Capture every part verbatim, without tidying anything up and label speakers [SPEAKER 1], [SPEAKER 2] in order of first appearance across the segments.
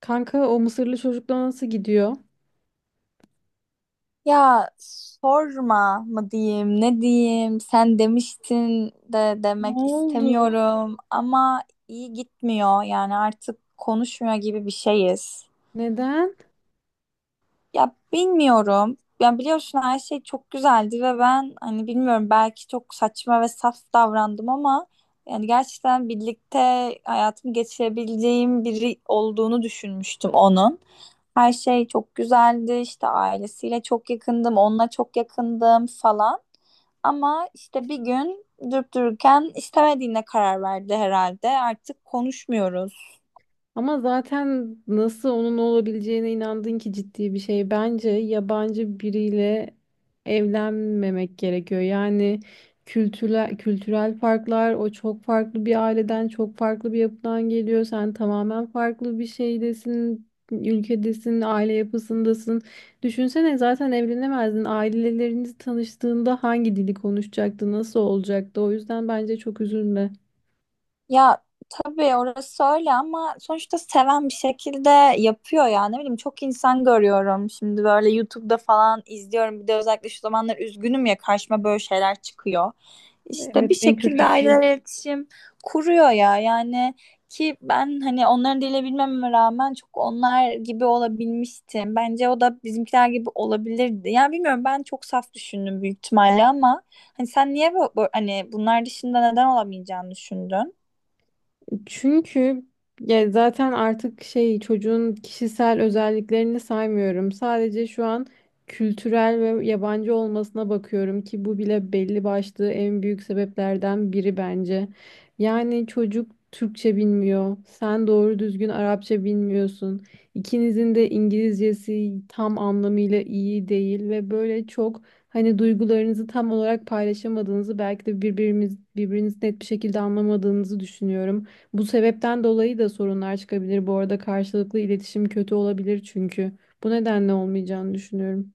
[SPEAKER 1] Kanka o Mısırlı çocukla nasıl gidiyor?
[SPEAKER 2] Ya sorma mı diyeyim, ne diyeyim? Sen demiştin de
[SPEAKER 1] Ne
[SPEAKER 2] demek
[SPEAKER 1] oldu?
[SPEAKER 2] istemiyorum ama iyi gitmiyor. Yani artık konuşmuyor gibi bir şeyiz.
[SPEAKER 1] Neden?
[SPEAKER 2] Ya bilmiyorum. Yani biliyorsun her şey çok güzeldi ve ben hani bilmiyorum belki çok saçma ve saf davrandım ama yani gerçekten birlikte hayatımı geçirebileceğim biri olduğunu düşünmüştüm onun. Her şey çok güzeldi işte ailesiyle çok yakındım, onunla çok yakındım falan. Ama işte bir gün durup dururken istemediğine karar verdi herhalde. Artık konuşmuyoruz.
[SPEAKER 1] Ama zaten nasıl onun olabileceğine inandın ki ciddi bir şey. Bence yabancı biriyle evlenmemek gerekiyor. Yani kültürel, kültürel farklar, o çok farklı bir aileden, çok farklı bir yapıdan geliyor. Sen tamamen farklı bir şeydesin, ülkedesin, aile yapısındasın. Düşünsene zaten evlenemezdin. Aileleriniz tanıştığında hangi dili konuşacaktı, nasıl olacaktı? O yüzden bence çok üzülme.
[SPEAKER 2] Ya tabii orası öyle ama sonuçta seven bir şekilde yapıyor ya. Ne bileyim çok insan görüyorum. Şimdi böyle YouTube'da falan izliyorum. Bir de özellikle şu zamanlar üzgünüm ya karşıma böyle şeyler çıkıyor. İşte
[SPEAKER 1] Evet,
[SPEAKER 2] bir
[SPEAKER 1] en
[SPEAKER 2] şekilde
[SPEAKER 1] kötüsü.
[SPEAKER 2] aileler iletişim kuruyor ya. Yani ki ben hani onların diliyle bilmeme rağmen çok onlar gibi olabilmiştim. Bence o da bizimkiler gibi olabilirdi. Yani bilmiyorum ben çok saf düşündüm büyük ihtimalle ama hani sen niye bu, bu- hani bunlar dışında neden olamayacağını düşündün?
[SPEAKER 1] Çünkü ya zaten artık şey çocuğun kişisel özelliklerini saymıyorum. Sadece şu an kültürel ve yabancı olmasına bakıyorum ki bu bile belli başlı en büyük sebeplerden biri bence. Yani çocuk Türkçe bilmiyor. Sen doğru düzgün Arapça bilmiyorsun. İkinizin de İngilizcesi tam anlamıyla iyi değil ve böyle çok hani duygularınızı tam olarak paylaşamadığınızı belki de birbirimiz birbirinizi net bir şekilde anlamadığınızı düşünüyorum. Bu sebepten dolayı da sorunlar çıkabilir. Bu arada karşılıklı iletişim kötü olabilir çünkü. Bu nedenle olmayacağını düşünüyorum.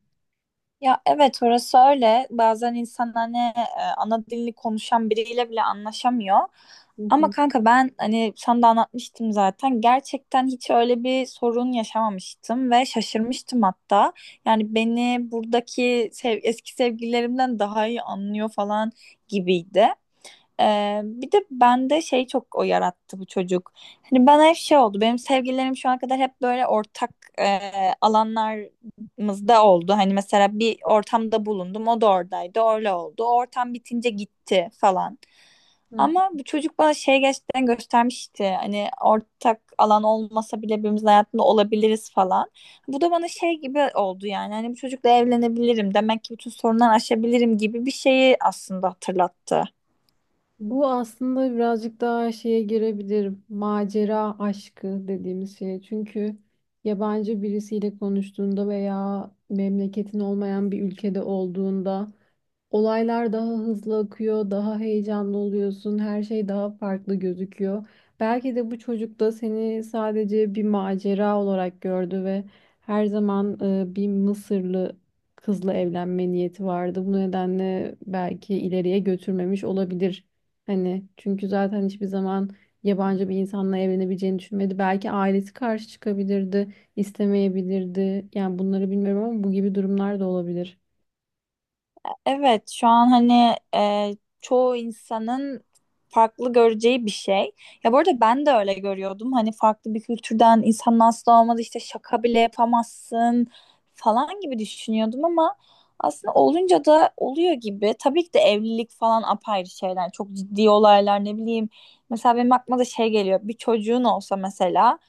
[SPEAKER 2] Ya evet orası öyle. Bazen insan hani e, ana dilini konuşan biriyle bile anlaşamıyor.
[SPEAKER 1] Hı
[SPEAKER 2] Ama
[SPEAKER 1] hı.
[SPEAKER 2] kanka ben hani sana da anlatmıştım zaten. Gerçekten hiç öyle bir sorun yaşamamıştım ve şaşırmıştım hatta. Yani beni buradaki sev eski sevgililerimden daha iyi anlıyor falan gibiydi. Ee, bir de bende şey çok o yarattı bu çocuk. Hani bana hep şey oldu. Benim sevgililerim şu ana kadar hep böyle ortak e, alanlarımızda oldu. Hani mesela bir ortamda bulundum. O da oradaydı. Öyle oldu. O ortam bitince gitti falan.
[SPEAKER 1] Hı.
[SPEAKER 2] Ama bu çocuk bana şey gerçekten göstermişti. Hani ortak alan olmasa bile birbirimizin hayatında olabiliriz falan. Bu da bana şey gibi oldu yani. Hani bu çocukla evlenebilirim. Demek ki bütün sorunları aşabilirim gibi bir şeyi aslında hatırlattı.
[SPEAKER 1] Bu aslında birazcık daha şeye girebilir. Macera aşkı dediğimiz şey. Çünkü yabancı birisiyle konuştuğunda veya memleketin olmayan bir ülkede olduğunda olaylar daha hızlı akıyor, daha heyecanlı oluyorsun, her şey daha farklı gözüküyor. Belki de bu çocuk da seni sadece bir macera olarak gördü ve her zaman e, bir Mısırlı kızla evlenme niyeti vardı. Bu nedenle belki ileriye götürmemiş olabilir. Hani çünkü zaten hiçbir zaman yabancı bir insanla evlenebileceğini düşünmedi. Belki ailesi karşı çıkabilirdi, istemeyebilirdi. Yani bunları bilmiyorum ama bu gibi durumlar da olabilir.
[SPEAKER 2] Evet, şu an hani e, çoğu insanın farklı göreceği bir şey. Ya bu arada ben de öyle görüyordum. Hani farklı bir kültürden insan nasıl olmadı işte şaka bile yapamazsın falan gibi düşünüyordum ama aslında olunca da oluyor gibi. Tabii ki de evlilik falan apayrı şeyler. Çok ciddi olaylar ne bileyim. Mesela benim aklıma da şey geliyor. Bir çocuğun olsa mesela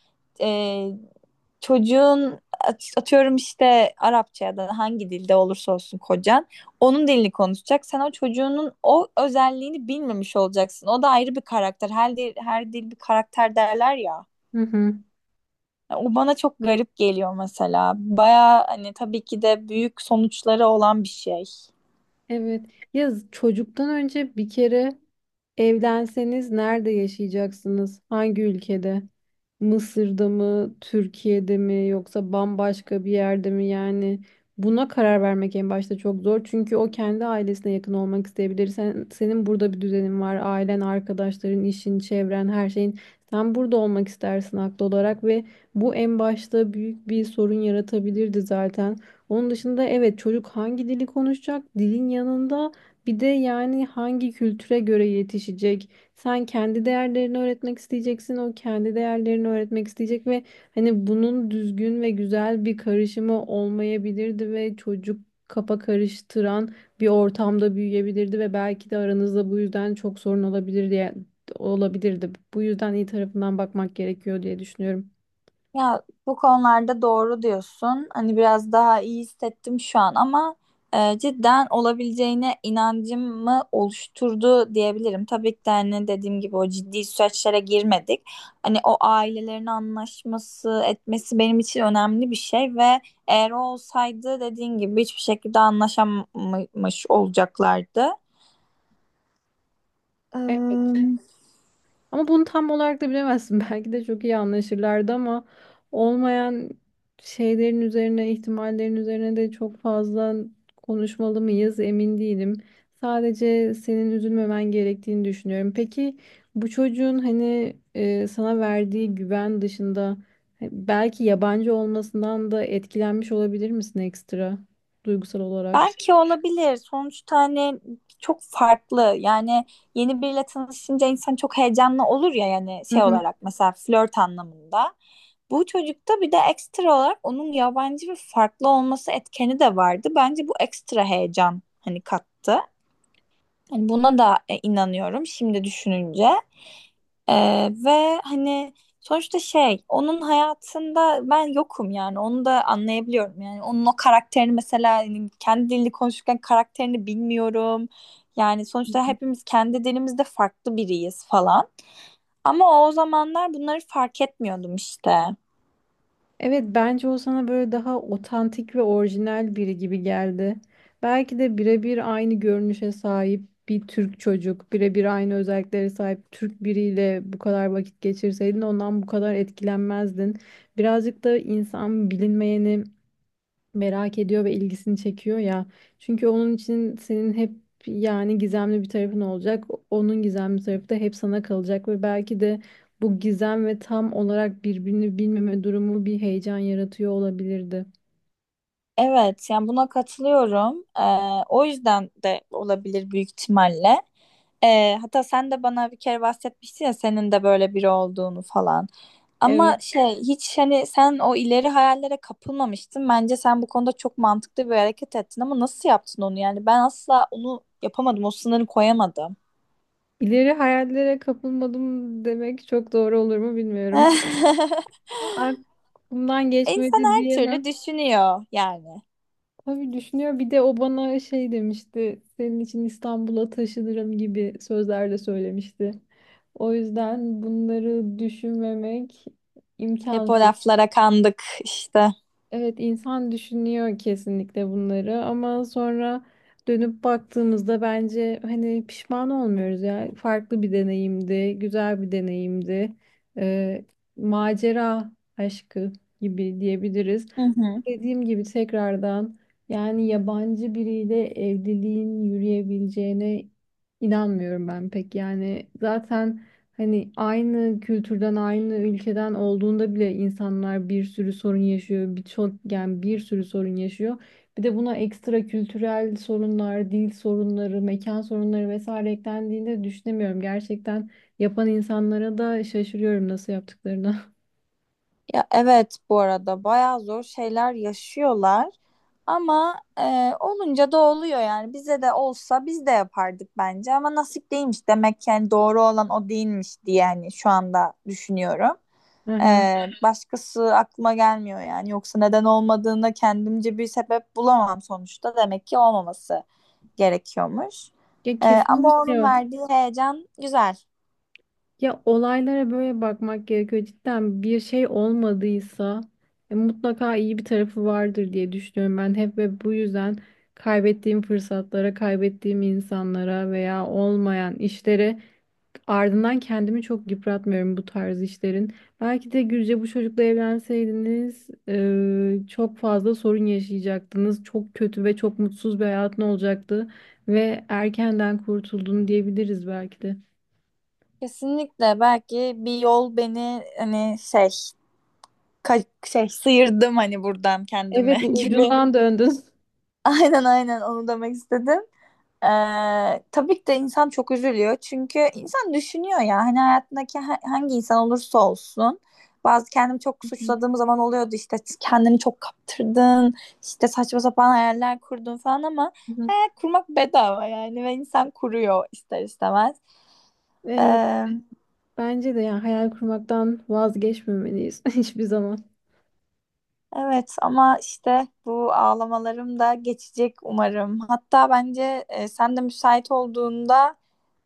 [SPEAKER 2] çocuğun at- atıyorum işte Arapça ya da hangi dilde olursa olsun kocan onun dilini konuşacak. Sen o çocuğunun o özelliğini bilmemiş olacaksın. O da ayrı bir karakter. Her dil, her dil bir karakter derler ya.
[SPEAKER 1] Hı hı.
[SPEAKER 2] O bana çok garip geliyor mesela. Baya hani tabii ki de büyük sonuçları olan bir şey.
[SPEAKER 1] Evet. Ya çocuktan önce bir kere evlenseniz nerede yaşayacaksınız? Hangi ülkede? Mısır'da mı, Türkiye'de mi yoksa bambaşka bir yerde mi? Yani buna karar vermek en başta çok zor. Çünkü o kendi ailesine yakın olmak isteyebilir. Sen, senin burada bir düzenin var. Ailen, arkadaşların, işin, çevren, her şeyin. Sen burada olmak istersin haklı olarak ve bu en başta büyük bir sorun yaratabilirdi zaten. Onun dışında evet çocuk hangi dili konuşacak? Dilin yanında bir de yani hangi kültüre göre yetişecek? Sen kendi değerlerini öğretmek isteyeceksin, o kendi değerlerini öğretmek isteyecek ve hani bunun düzgün ve güzel bir karışımı olmayabilirdi ve çocuk kafa karıştıran bir ortamda büyüyebilirdi ve belki de aranızda bu yüzden çok sorun olabilir diye olabilirdi. Bu yüzden iyi tarafından bakmak gerekiyor diye düşünüyorum.
[SPEAKER 2] Ya bu konularda doğru diyorsun. Hani biraz daha iyi hissettim şu an ama e, cidden olabileceğine inancımı oluşturdu diyebilirim. Tabii ki de hani dediğim gibi o ciddi süreçlere girmedik. Hani o ailelerin anlaşması etmesi benim için önemli bir şey ve eğer o olsaydı dediğin gibi hiçbir şekilde anlaşamamış olacaklardı. Ee,
[SPEAKER 1] Ama bunu tam olarak da bilemezsin. Belki de çok iyi anlaşırlardı ama olmayan şeylerin üzerine, ihtimallerin üzerine de çok fazla konuşmalı mıyız emin değilim. Sadece senin üzülmemen gerektiğini düşünüyorum. Peki bu çocuğun hani e, sana verdiği güven dışında e, belki yabancı olmasından da etkilenmiş olabilir misin ekstra duygusal olarak?
[SPEAKER 2] Belki olabilir. Sonuçta hani çok farklı. Yani yeni biriyle tanışınca insan çok heyecanlı olur ya yani
[SPEAKER 1] Hı
[SPEAKER 2] şey
[SPEAKER 1] hı.
[SPEAKER 2] olarak mesela flört anlamında. Bu çocukta bir de ekstra olarak onun yabancı ve farklı olması etkeni de vardı. Bence bu ekstra heyecan hani kattı. Hani buna da e, inanıyorum şimdi düşününce. Ee, ve hani sonuçta şey onun hayatında ben yokum yani onu da anlayabiliyorum yani onun o karakterini mesela hani kendi dilini konuşurken karakterini bilmiyorum yani sonuçta hepimiz kendi dilimizde farklı biriyiz falan ama o zamanlar bunları fark etmiyordum işte.
[SPEAKER 1] Evet, bence o sana böyle daha otantik ve orijinal biri gibi geldi. Belki de birebir aynı görünüşe sahip bir Türk çocuk, birebir aynı özelliklere sahip Türk biriyle bu kadar vakit geçirseydin ondan bu kadar etkilenmezdin. Birazcık da insan bilinmeyeni merak ediyor ve ilgisini çekiyor ya. Çünkü onun için senin hep yani gizemli bir tarafın olacak. Onun gizemli tarafı da hep sana kalacak ve belki de bu gizem ve tam olarak birbirini bilmeme durumu bir heyecan yaratıyor olabilirdi.
[SPEAKER 2] Evet yani buna katılıyorum. Ee, o yüzden de olabilir büyük ihtimalle. Ee, hatta sen de bana bir kere bahsetmiştin ya senin de böyle biri olduğunu falan. Ama
[SPEAKER 1] Evet.
[SPEAKER 2] şey hiç hani sen o ileri hayallere kapılmamıştın. Bence sen bu konuda çok mantıklı bir hareket ettin ama nasıl yaptın onu yani? Ben asla onu yapamadım. O sınırı koyamadım.
[SPEAKER 1] İleri hayallere kapılmadım demek çok doğru olur mu bilmiyorum. Aklımdan
[SPEAKER 2] İnsan
[SPEAKER 1] geçmedi
[SPEAKER 2] her
[SPEAKER 1] diyemem.
[SPEAKER 2] türlü düşünüyor yani.
[SPEAKER 1] Tabii düşünüyor. Bir de o bana şey demişti. Senin için İstanbul'a taşınırım gibi sözler de söylemişti. O yüzden bunları düşünmemek
[SPEAKER 2] Hep o
[SPEAKER 1] imkansız.
[SPEAKER 2] laflara kandık işte.
[SPEAKER 1] Evet, insan düşünüyor kesinlikle bunları ama sonra dönüp baktığımızda bence hani pişman olmuyoruz ya. Farklı bir deneyimdi, güzel bir deneyimdi. Ee, macera aşkı gibi diyebiliriz.
[SPEAKER 2] Hı hı.
[SPEAKER 1] Dediğim gibi tekrardan yani yabancı biriyle evliliğin yürüyebileceğine inanmıyorum ben pek. Yani zaten hani aynı kültürden, aynı ülkeden olduğunda bile insanlar bir sürü sorun yaşıyor. Birçok yani bir sürü sorun yaşıyor. Bir de buna ekstra kültürel sorunlar, dil sorunları, mekan sorunları vesaire eklendiğinde düşünemiyorum. Gerçekten yapan insanlara da şaşırıyorum nasıl yaptıklarını.
[SPEAKER 2] Ya evet bu arada bayağı zor şeyler yaşıyorlar ama e, olunca da oluyor yani bize de olsa biz de yapardık bence ama nasip değilmiş demek ki yani doğru olan o değilmiş diye yani şu anda düşünüyorum. E,
[SPEAKER 1] Aha.
[SPEAKER 2] Başkası aklıma gelmiyor yani yoksa neden olmadığına kendimce bir sebep bulamam sonuçta demek ki olmaması gerekiyormuş.
[SPEAKER 1] Ya
[SPEAKER 2] E, ama onun
[SPEAKER 1] kesinlikle
[SPEAKER 2] verdiği heyecan güzel.
[SPEAKER 1] ya olaylara böyle bakmak gerekiyor. Cidden bir şey olmadıysa e, mutlaka iyi bir tarafı vardır diye düşünüyorum ben hep ve bu yüzden kaybettiğim fırsatlara, kaybettiğim insanlara veya olmayan işlere ardından kendimi çok yıpratmıyorum bu tarz işlerin. Belki de Gülce bu çocukla evlenseydiniz e, çok fazla sorun yaşayacaktınız. Çok kötü ve çok mutsuz bir hayatın olacaktı ve erkenden kurtuldun diyebiliriz belki de.
[SPEAKER 2] Kesinlikle belki bir yol beni hani şey Ka- şey sıyırdım hani buradan kendimi
[SPEAKER 1] Evet, u-
[SPEAKER 2] gibi.
[SPEAKER 1] ucundan döndün.
[SPEAKER 2] Aynen aynen onu demek istedim. Ee, tabii ki de insan çok üzülüyor. Çünkü insan düşünüyor ya hani hayatındaki ha- hangi insan olursa olsun. Bazı kendimi çok suçladığım zaman oluyordu işte kendini çok kaptırdın, işte saçma sapan hayaller kurdun falan ama hayal kurmak bedava yani ve insan kuruyor ister istemez.
[SPEAKER 1] Evet,
[SPEAKER 2] Ee,
[SPEAKER 1] bence de yani hayal kurmaktan vazgeçmemeliyiz hiçbir zaman.
[SPEAKER 2] Evet ama işte bu ağlamalarım da geçecek umarım. Hatta bence e, sen de müsait olduğunda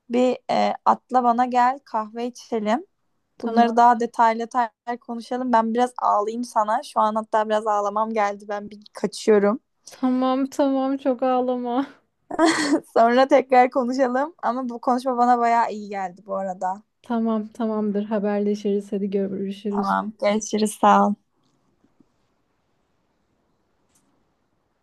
[SPEAKER 2] bir e, atla bana gel kahve içelim.
[SPEAKER 1] Tamam,
[SPEAKER 2] Bunları daha detaylı detaylı konuşalım. Ben biraz ağlayayım sana. Şu an hatta biraz ağlamam geldi. Ben bir kaçıyorum.
[SPEAKER 1] tamam, tamam, çok ağlama.
[SPEAKER 2] Sonra tekrar konuşalım. Ama bu konuşma bana bayağı iyi geldi bu arada.
[SPEAKER 1] Tamam, tamamdır, haberleşiriz, hadi görüşürüz.
[SPEAKER 2] Tamam, görüşürüz. Sağ ol.